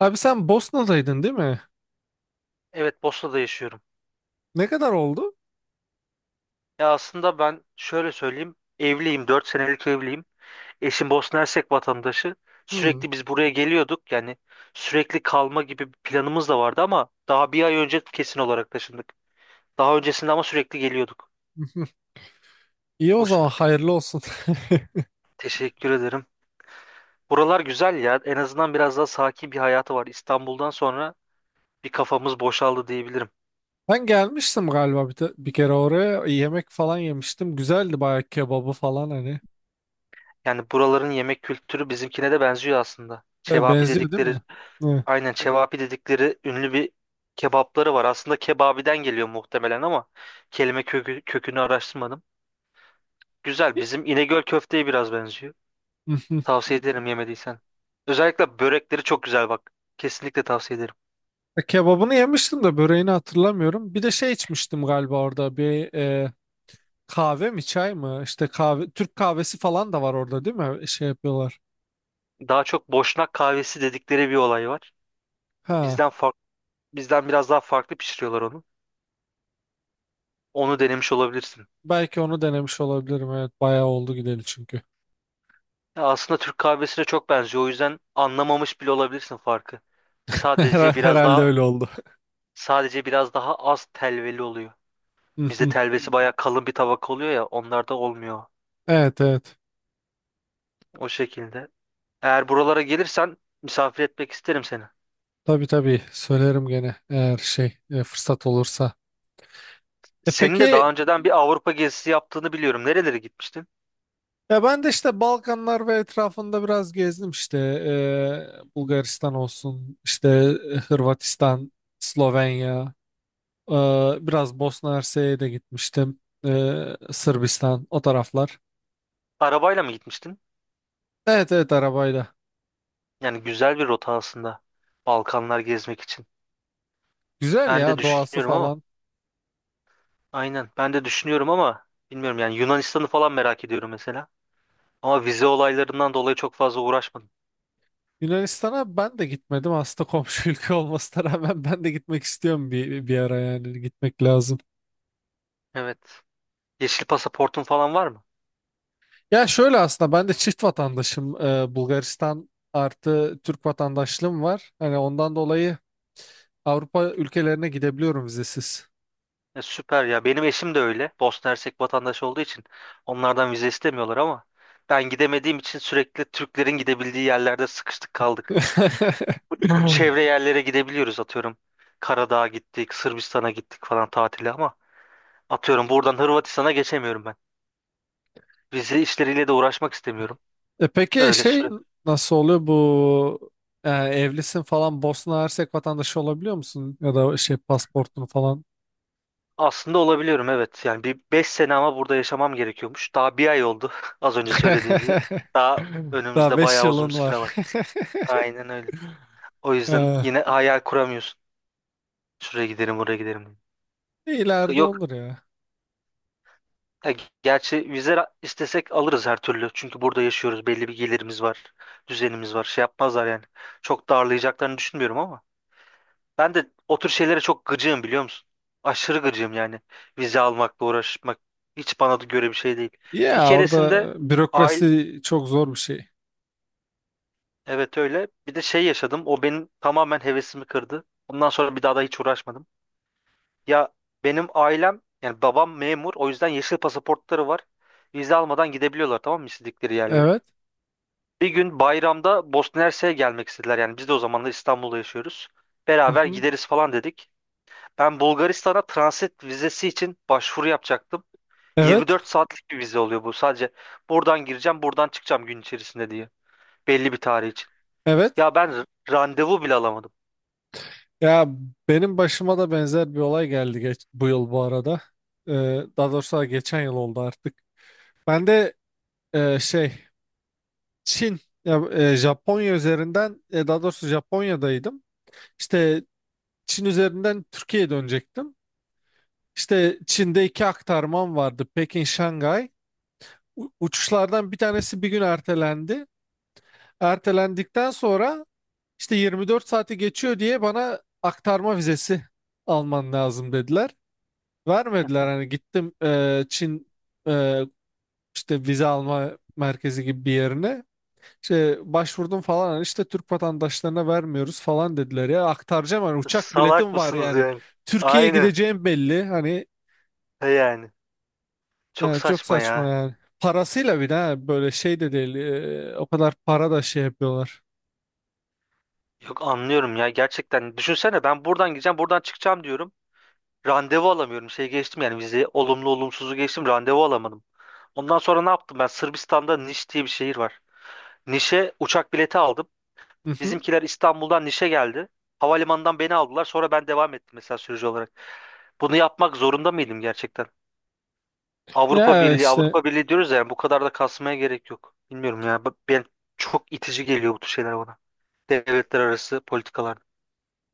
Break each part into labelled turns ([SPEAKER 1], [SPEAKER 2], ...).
[SPEAKER 1] Abi sen Bosna'daydın değil mi?
[SPEAKER 2] Evet, Bosna'da yaşıyorum.
[SPEAKER 1] Ne kadar oldu?
[SPEAKER 2] Ya aslında ben şöyle söyleyeyim. Evliyim, 4 senelik evliyim. Eşim Bosna Hersek vatandaşı.
[SPEAKER 1] Hmm.
[SPEAKER 2] Sürekli biz buraya geliyorduk. Yani sürekli kalma gibi bir planımız da vardı ama daha bir ay önce kesin olarak taşındık. Daha öncesinde ama sürekli geliyorduk.
[SPEAKER 1] İyi o
[SPEAKER 2] O
[SPEAKER 1] zaman
[SPEAKER 2] şekilde.
[SPEAKER 1] hayırlı olsun.
[SPEAKER 2] Teşekkür ederim. Buralar güzel ya. En azından biraz daha sakin bir hayatı var. İstanbul'dan sonra bir kafamız boşaldı diyebilirim.
[SPEAKER 1] Ben gelmiştim galiba bir kere oraya. Yemek falan yemiştim. Güzeldi bayağı kebabı falan hani.
[SPEAKER 2] Yani buraların yemek kültürü bizimkine de benziyor aslında.
[SPEAKER 1] E,
[SPEAKER 2] Cevapi
[SPEAKER 1] benziyor değil
[SPEAKER 2] dedikleri
[SPEAKER 1] mi? Hı.
[SPEAKER 2] aynen çevapi dedikleri ünlü bir kebapları var. Aslında kebabiden geliyor muhtemelen ama kelime kökü, kökünü araştırmadım. Güzel. Bizim İnegöl köfteye biraz benziyor. Tavsiye ederim yemediysen. Özellikle börekleri çok güzel bak. Kesinlikle tavsiye ederim.
[SPEAKER 1] E, kebabını yemiştim de böreğini hatırlamıyorum. Bir de şey içmiştim galiba orada bir kahve mi çay mı? İşte kahve Türk kahvesi falan da var orada değil mi? E, şey yapıyorlar.
[SPEAKER 2] Daha çok Boşnak kahvesi dedikleri bir olay var.
[SPEAKER 1] Ha,
[SPEAKER 2] Bizden farklı, bizden biraz daha farklı pişiriyorlar onu. Onu denemiş olabilirsin.
[SPEAKER 1] belki onu denemiş olabilirim. Evet, bayağı oldu gidelim çünkü.
[SPEAKER 2] Ya aslında Türk kahvesine çok benziyor. O yüzden anlamamış bile olabilirsin farkı. Sadece biraz
[SPEAKER 1] Herhalde
[SPEAKER 2] daha
[SPEAKER 1] öyle oldu.
[SPEAKER 2] sadece biraz daha az telveli oluyor.
[SPEAKER 1] Hı
[SPEAKER 2] Bizde
[SPEAKER 1] hı.
[SPEAKER 2] telvesi bayağı kalın bir tabaka oluyor ya, onlarda olmuyor
[SPEAKER 1] Evet, evet.
[SPEAKER 2] o şekilde. Eğer buralara gelirsen misafir etmek isterim seni.
[SPEAKER 1] Tabii, tabii, söylerim gene eğer şey fırsat olursa. E
[SPEAKER 2] Senin de
[SPEAKER 1] peki,
[SPEAKER 2] daha önceden bir Avrupa gezisi yaptığını biliyorum. Nerelere gitmiştin?
[SPEAKER 1] ya ben de işte Balkanlar ve etrafında biraz gezdim işte, Bulgaristan olsun, işte Hırvatistan, Slovenya, e, biraz Bosna Hersek'e de gitmiştim. E, Sırbistan, o taraflar.
[SPEAKER 2] Arabayla mı gitmiştin?
[SPEAKER 1] Evet, evet, arabayla.
[SPEAKER 2] Yani güzel bir rota aslında Balkanlar gezmek için.
[SPEAKER 1] Güzel
[SPEAKER 2] Ben de
[SPEAKER 1] ya, doğası
[SPEAKER 2] düşünüyorum ama
[SPEAKER 1] falan.
[SPEAKER 2] aynen ben de düşünüyorum ama bilmiyorum yani Yunanistan'ı falan merak ediyorum mesela. Ama vize olaylarından dolayı çok fazla uğraşmadım.
[SPEAKER 1] Yunanistan'a ben de gitmedim aslında, komşu ülke olmasına rağmen ben de gitmek istiyorum bir ara, yani gitmek lazım.
[SPEAKER 2] Evet. Yeşil pasaportun falan var mı?
[SPEAKER 1] Ya şöyle, aslında ben de çift vatandaşım. Bulgaristan artı Türk vatandaşlığım var. Hani ondan dolayı Avrupa ülkelerine gidebiliyorum vizesiz.
[SPEAKER 2] E, süper ya. Benim eşim de öyle. Bosna Hersek vatandaşı olduğu için onlardan vize istemiyorlar ama ben gidemediğim için sürekli Türklerin gidebildiği yerlerde sıkıştık kaldık. Bu çevre yerlere gidebiliyoruz atıyorum. Karadağ'a gittik, Sırbistan'a gittik falan tatile ama atıyorum buradan Hırvatistan'a geçemiyorum ben. Vize işleriyle de uğraşmak istemiyorum.
[SPEAKER 1] E peki,
[SPEAKER 2] Öyle
[SPEAKER 1] şey,
[SPEAKER 2] sürekli.
[SPEAKER 1] nasıl oluyor bu evlisin falan, Bosna Hersek vatandaşı olabiliyor musun? Ya da şey, pasaportun falan.
[SPEAKER 2] Aslında olabiliyorum evet. Yani bir 5 sene ama burada yaşamam gerekiyormuş. Daha bir ay oldu az önce söylediğim gibi. Daha
[SPEAKER 1] Daha
[SPEAKER 2] önümüzde
[SPEAKER 1] 5
[SPEAKER 2] bayağı uzun
[SPEAKER 1] yılın
[SPEAKER 2] bir süre var.
[SPEAKER 1] var.
[SPEAKER 2] Aynen öyle. O yüzden
[SPEAKER 1] E,
[SPEAKER 2] yine hayal kuramıyorsun. Şuraya giderim, buraya giderim diye. Yok,
[SPEAKER 1] ileride
[SPEAKER 2] yok.
[SPEAKER 1] olur ya.
[SPEAKER 2] Ya gerçi istesek alırız her türlü. Çünkü burada yaşıyoruz. Belli bir gelirimiz var. Düzenimiz var. Şey yapmazlar yani. Çok darlayacaklarını düşünmüyorum ama. Ben de o tür şeylere çok gıcığım biliyor musun? Aşırı gıcığım yani. Vize almakla uğraşmak hiç bana da göre bir şey değil. Bir
[SPEAKER 1] Ya orada
[SPEAKER 2] keresinde aile...
[SPEAKER 1] bürokrasi çok zor bir şey.
[SPEAKER 2] Evet öyle. Bir de şey yaşadım. O benim tamamen hevesimi kırdı. Ondan sonra bir daha da hiç uğraşmadım. Ya benim ailem yani babam memur o yüzden yeşil pasaportları var. Vize almadan gidebiliyorlar tamam mı istedikleri yerlere.
[SPEAKER 1] Evet.
[SPEAKER 2] Bir gün bayramda Bosna Hersek'e gelmek istediler. Yani biz de o zamanlar İstanbul'da yaşıyoruz.
[SPEAKER 1] Hı
[SPEAKER 2] Beraber
[SPEAKER 1] hı.
[SPEAKER 2] gideriz falan dedik. Ben Bulgaristan'a transit vizesi için başvuru yapacaktım.
[SPEAKER 1] Evet.
[SPEAKER 2] 24 saatlik bir vize oluyor bu. Sadece buradan gireceğim, buradan çıkacağım gün içerisinde diye. Belli bir tarih için.
[SPEAKER 1] Evet.
[SPEAKER 2] Ya ben randevu bile alamadım.
[SPEAKER 1] Ya benim başıma da benzer bir olay geldi bu yıl bu arada. Ee, Daha doğrusu geçen yıl oldu artık. Ben de şey Çin, ya Japonya üzerinden, daha doğrusu Japonya'daydım. İşte Çin üzerinden Türkiye'ye dönecektim. İşte Çin'de iki aktarmam vardı. Pekin, Şangay. Uçuşlardan bir tanesi bir gün ertelendi. Ertelendikten sonra işte 24 saati geçiyor diye bana aktarma vizesi alman lazım dediler. Vermediler, hani gittim Çin e, işte vize alma merkezi gibi bir yerine. İşte başvurdum falan, hani işte Türk vatandaşlarına vermiyoruz falan dediler. Ya aktaracağım hani, uçak
[SPEAKER 2] Salak
[SPEAKER 1] biletim var
[SPEAKER 2] mısınız
[SPEAKER 1] yani.
[SPEAKER 2] yani?
[SPEAKER 1] Türkiye'ye
[SPEAKER 2] Aynen.
[SPEAKER 1] gideceğim belli hani,
[SPEAKER 2] He yani. Çok
[SPEAKER 1] yani çok
[SPEAKER 2] saçma
[SPEAKER 1] saçma
[SPEAKER 2] ya.
[SPEAKER 1] yani. Parasıyla bir de ha, böyle şey de değil, o kadar para da şey yapıyorlar.
[SPEAKER 2] Yok anlıyorum ya gerçekten. Düşünsene ben buradan gideceğim, buradan çıkacağım diyorum. Randevu alamıyorum. Şey geçtim yani vize olumlu olumsuzu geçtim. Randevu alamadım. Ondan sonra ne yaptım? Ben Sırbistan'da Niş diye bir şehir var. Niş'e uçak bileti aldım.
[SPEAKER 1] Hı hı.
[SPEAKER 2] Bizimkiler İstanbul'dan Niş'e geldi. Havalimanından beni aldılar. Sonra ben devam ettim mesela sürücü olarak. Bunu yapmak zorunda mıydım gerçekten? Avrupa
[SPEAKER 1] Ya
[SPEAKER 2] Birliği,
[SPEAKER 1] işte
[SPEAKER 2] Avrupa Birliği diyoruz ya yani bu kadar da kasmaya gerek yok. Bilmiyorum ya. Ben çok itici geliyor bu tür şeyler bana. Devletler arası politikalar.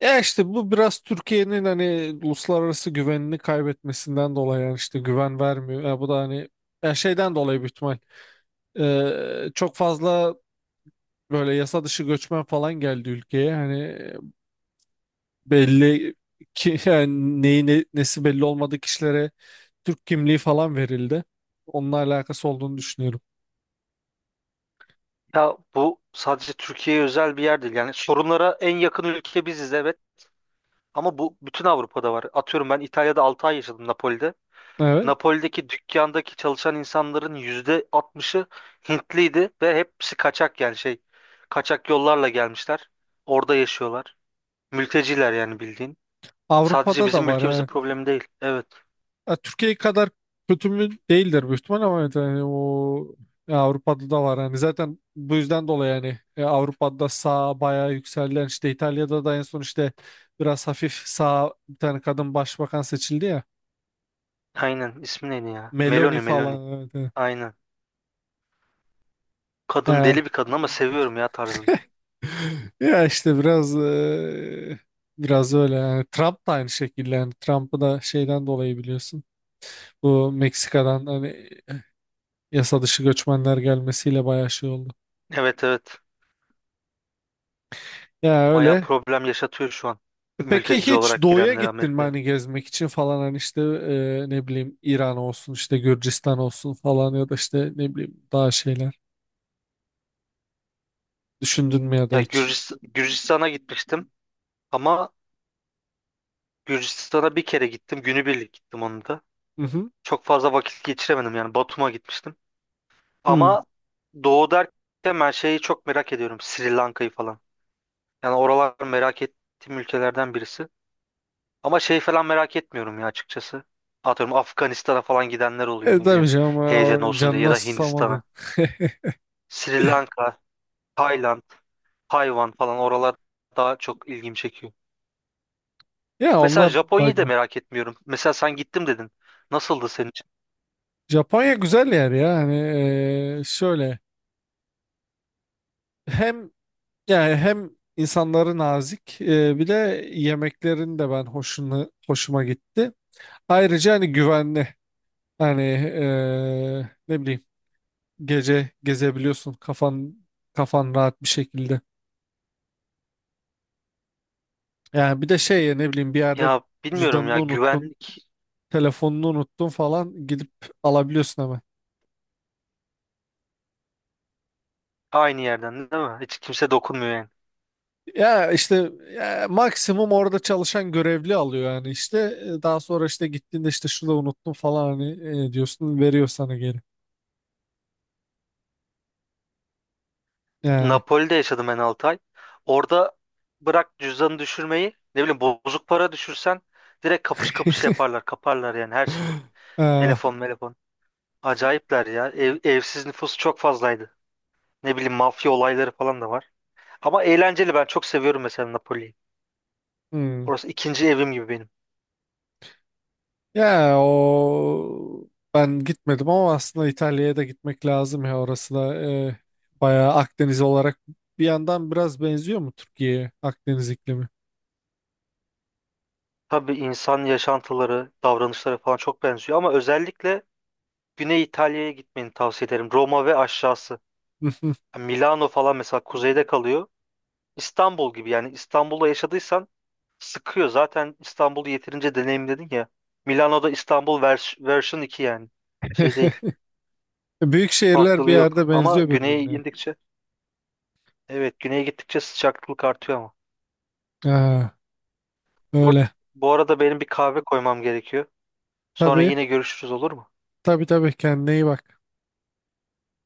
[SPEAKER 1] Ya işte bu biraz Türkiye'nin hani uluslararası güvenini kaybetmesinden dolayı, yani işte güven vermiyor. Ya bu da hani ya şeyden dolayı büyük ihtimal. Çok fazla böyle yasa dışı göçmen falan geldi ülkeye. Hani belli ki yani neyi nesi belli olmadığı kişilere Türk kimliği falan verildi. Onunla alakası olduğunu düşünüyorum.
[SPEAKER 2] Ya bu sadece Türkiye'ye özel bir yer değil. Yani sorunlara en yakın ülke biziz evet. Ama bu bütün Avrupa'da var. Atıyorum ben İtalya'da 6 ay yaşadım Napoli'de.
[SPEAKER 1] Evet.
[SPEAKER 2] Napoli'deki dükkandaki çalışan insanların %60'ı Hintliydi ve hepsi kaçak yani şey kaçak yollarla gelmişler. Orada yaşıyorlar. Mülteciler yani bildiğin. Sadece
[SPEAKER 1] Avrupa'da da
[SPEAKER 2] bizim
[SPEAKER 1] var.
[SPEAKER 2] ülkemizin
[SPEAKER 1] Evet.
[SPEAKER 2] problemi değil. Evet.
[SPEAKER 1] Ya Türkiye kadar kötü mü değildir büyük ihtimal, ama evet yani o, ya Avrupa'da da var hani, zaten bu yüzden dolayı yani, Avrupa'da sağ bayağı yükselen, işte İtalya'da da en son işte biraz hafif sağ bir tane kadın başbakan seçildi ya,
[SPEAKER 2] Aynen. İsmi neydi ya?
[SPEAKER 1] Meloni
[SPEAKER 2] Meloni, Meloni.
[SPEAKER 1] falan, evet, evet.
[SPEAKER 2] Aynen. Kadın
[SPEAKER 1] Yani-
[SPEAKER 2] deli bir kadın ama seviyorum ya tarzını.
[SPEAKER 1] ya işte biraz öyle, yani Trump da aynı şekilde, yani Trump'ı da şeyden dolayı biliyorsun, bu Meksika'dan hani yasa dışı göçmenler gelmesiyle bayağı şey oldu.
[SPEAKER 2] Evet, evet.
[SPEAKER 1] Ya
[SPEAKER 2] Bayağı
[SPEAKER 1] öyle.
[SPEAKER 2] problem yaşatıyor şu an.
[SPEAKER 1] E, peki,
[SPEAKER 2] Mülteci
[SPEAKER 1] hiç
[SPEAKER 2] olarak
[SPEAKER 1] doğuya
[SPEAKER 2] girenler
[SPEAKER 1] gittin mi
[SPEAKER 2] Amerika'ya.
[SPEAKER 1] hani, gezmek için falan, hani işte ne bileyim İran olsun, işte Gürcistan olsun falan, ya da işte ne bileyim daha şeyler düşündün mü ya da hiç?
[SPEAKER 2] Gürcistan'a gitmiştim ama Gürcistan'a bir kere gittim. Günübirlik gittim onu da.
[SPEAKER 1] Hı hı.
[SPEAKER 2] Çok fazla vakit geçiremedim yani Batum'a gitmiştim.
[SPEAKER 1] Hı.
[SPEAKER 2] Ama doğu derken ben şeyi çok merak ediyorum. Sri Lanka'yı falan. Yani oralar merak ettiğim ülkelerden birisi. Ama şey falan merak etmiyorum ya açıkçası. Atıyorum Afganistan'a falan gidenler oluyor
[SPEAKER 1] E,
[SPEAKER 2] ne bileyim.
[SPEAKER 1] tabii canım,
[SPEAKER 2] Heyecan
[SPEAKER 1] o
[SPEAKER 2] olsun diye ya
[SPEAKER 1] canına
[SPEAKER 2] da
[SPEAKER 1] susamadın.
[SPEAKER 2] Hindistan'a. Sri Lanka, Tayland. Hayvan falan oralar daha çok ilgimi çekiyor.
[SPEAKER 1] Ya
[SPEAKER 2] Mesela
[SPEAKER 1] onlar daha
[SPEAKER 2] Japonya'yı da
[SPEAKER 1] güzel.
[SPEAKER 2] merak etmiyorum. Mesela sen gittim dedin. Nasıldı senin için?
[SPEAKER 1] Japonya güzel yer ya hani, şöyle, hem, yani hem insanları nazik, bir de yemeklerin de ben hoşuma gitti. Ayrıca hani güvenli hani, ne bileyim gece gezebiliyorsun kafan rahat bir şekilde. Yani bir de şey ya, ne bileyim bir yerde
[SPEAKER 2] Ya bilmiyorum
[SPEAKER 1] cüzdanını
[SPEAKER 2] ya
[SPEAKER 1] unuttun,
[SPEAKER 2] güvenlik
[SPEAKER 1] telefonunu unuttun falan, gidip alabiliyorsun hemen.
[SPEAKER 2] aynı yerden değil mi? Hiç kimse dokunmuyor yani.
[SPEAKER 1] Ya işte ya maksimum orada çalışan görevli alıyor, yani işte daha sonra işte gittiğinde işte şurada unuttum falan hani diyorsun, veriyor sana geri. Yani.
[SPEAKER 2] Napoli'de yaşadım ben 6 ay. Orada bırak cüzdanı düşürmeyi ne bileyim bozuk para düşürsen direkt kapış kapış yaparlar kaparlar yani her şeyi.
[SPEAKER 1] Ah,
[SPEAKER 2] Telefon telefon. Acayipler ya. Evsiz nüfus çok fazlaydı. Ne bileyim mafya olayları falan da var. Ama eğlenceli ben çok seviyorum mesela Napoli'yi.
[SPEAKER 1] hmm.
[SPEAKER 2] Orası ikinci evim gibi benim.
[SPEAKER 1] Ya o ben gitmedim ama aslında İtalya'ya da gitmek lazım, ya orası da bayağı Akdeniz olarak bir yandan biraz benziyor mu Türkiye'ye, Akdeniz iklimi?
[SPEAKER 2] Tabii insan yaşantıları, davranışları falan çok benziyor ama özellikle Güney İtalya'ya gitmeni tavsiye ederim. Roma ve aşağısı. Yani Milano falan mesela kuzeyde kalıyor. İstanbul gibi yani İstanbul'da yaşadıysan sıkıyor. Zaten İstanbul'u yeterince deneyimledin ya. Milano'da İstanbul version 2 yani. Şey değil.
[SPEAKER 1] Büyük şehirler bir
[SPEAKER 2] Farklılığı yok.
[SPEAKER 1] yerde
[SPEAKER 2] Ama
[SPEAKER 1] benziyor
[SPEAKER 2] güneye
[SPEAKER 1] birbirine.
[SPEAKER 2] indikçe evet güneye gittikçe sıcaklık artıyor ama.
[SPEAKER 1] Ha,
[SPEAKER 2] Bu
[SPEAKER 1] öyle.
[SPEAKER 2] bu arada benim bir kahve koymam gerekiyor. Sonra
[SPEAKER 1] Tabii,
[SPEAKER 2] yine görüşürüz olur mu?
[SPEAKER 1] tabii, tabii, kendine iyi bak.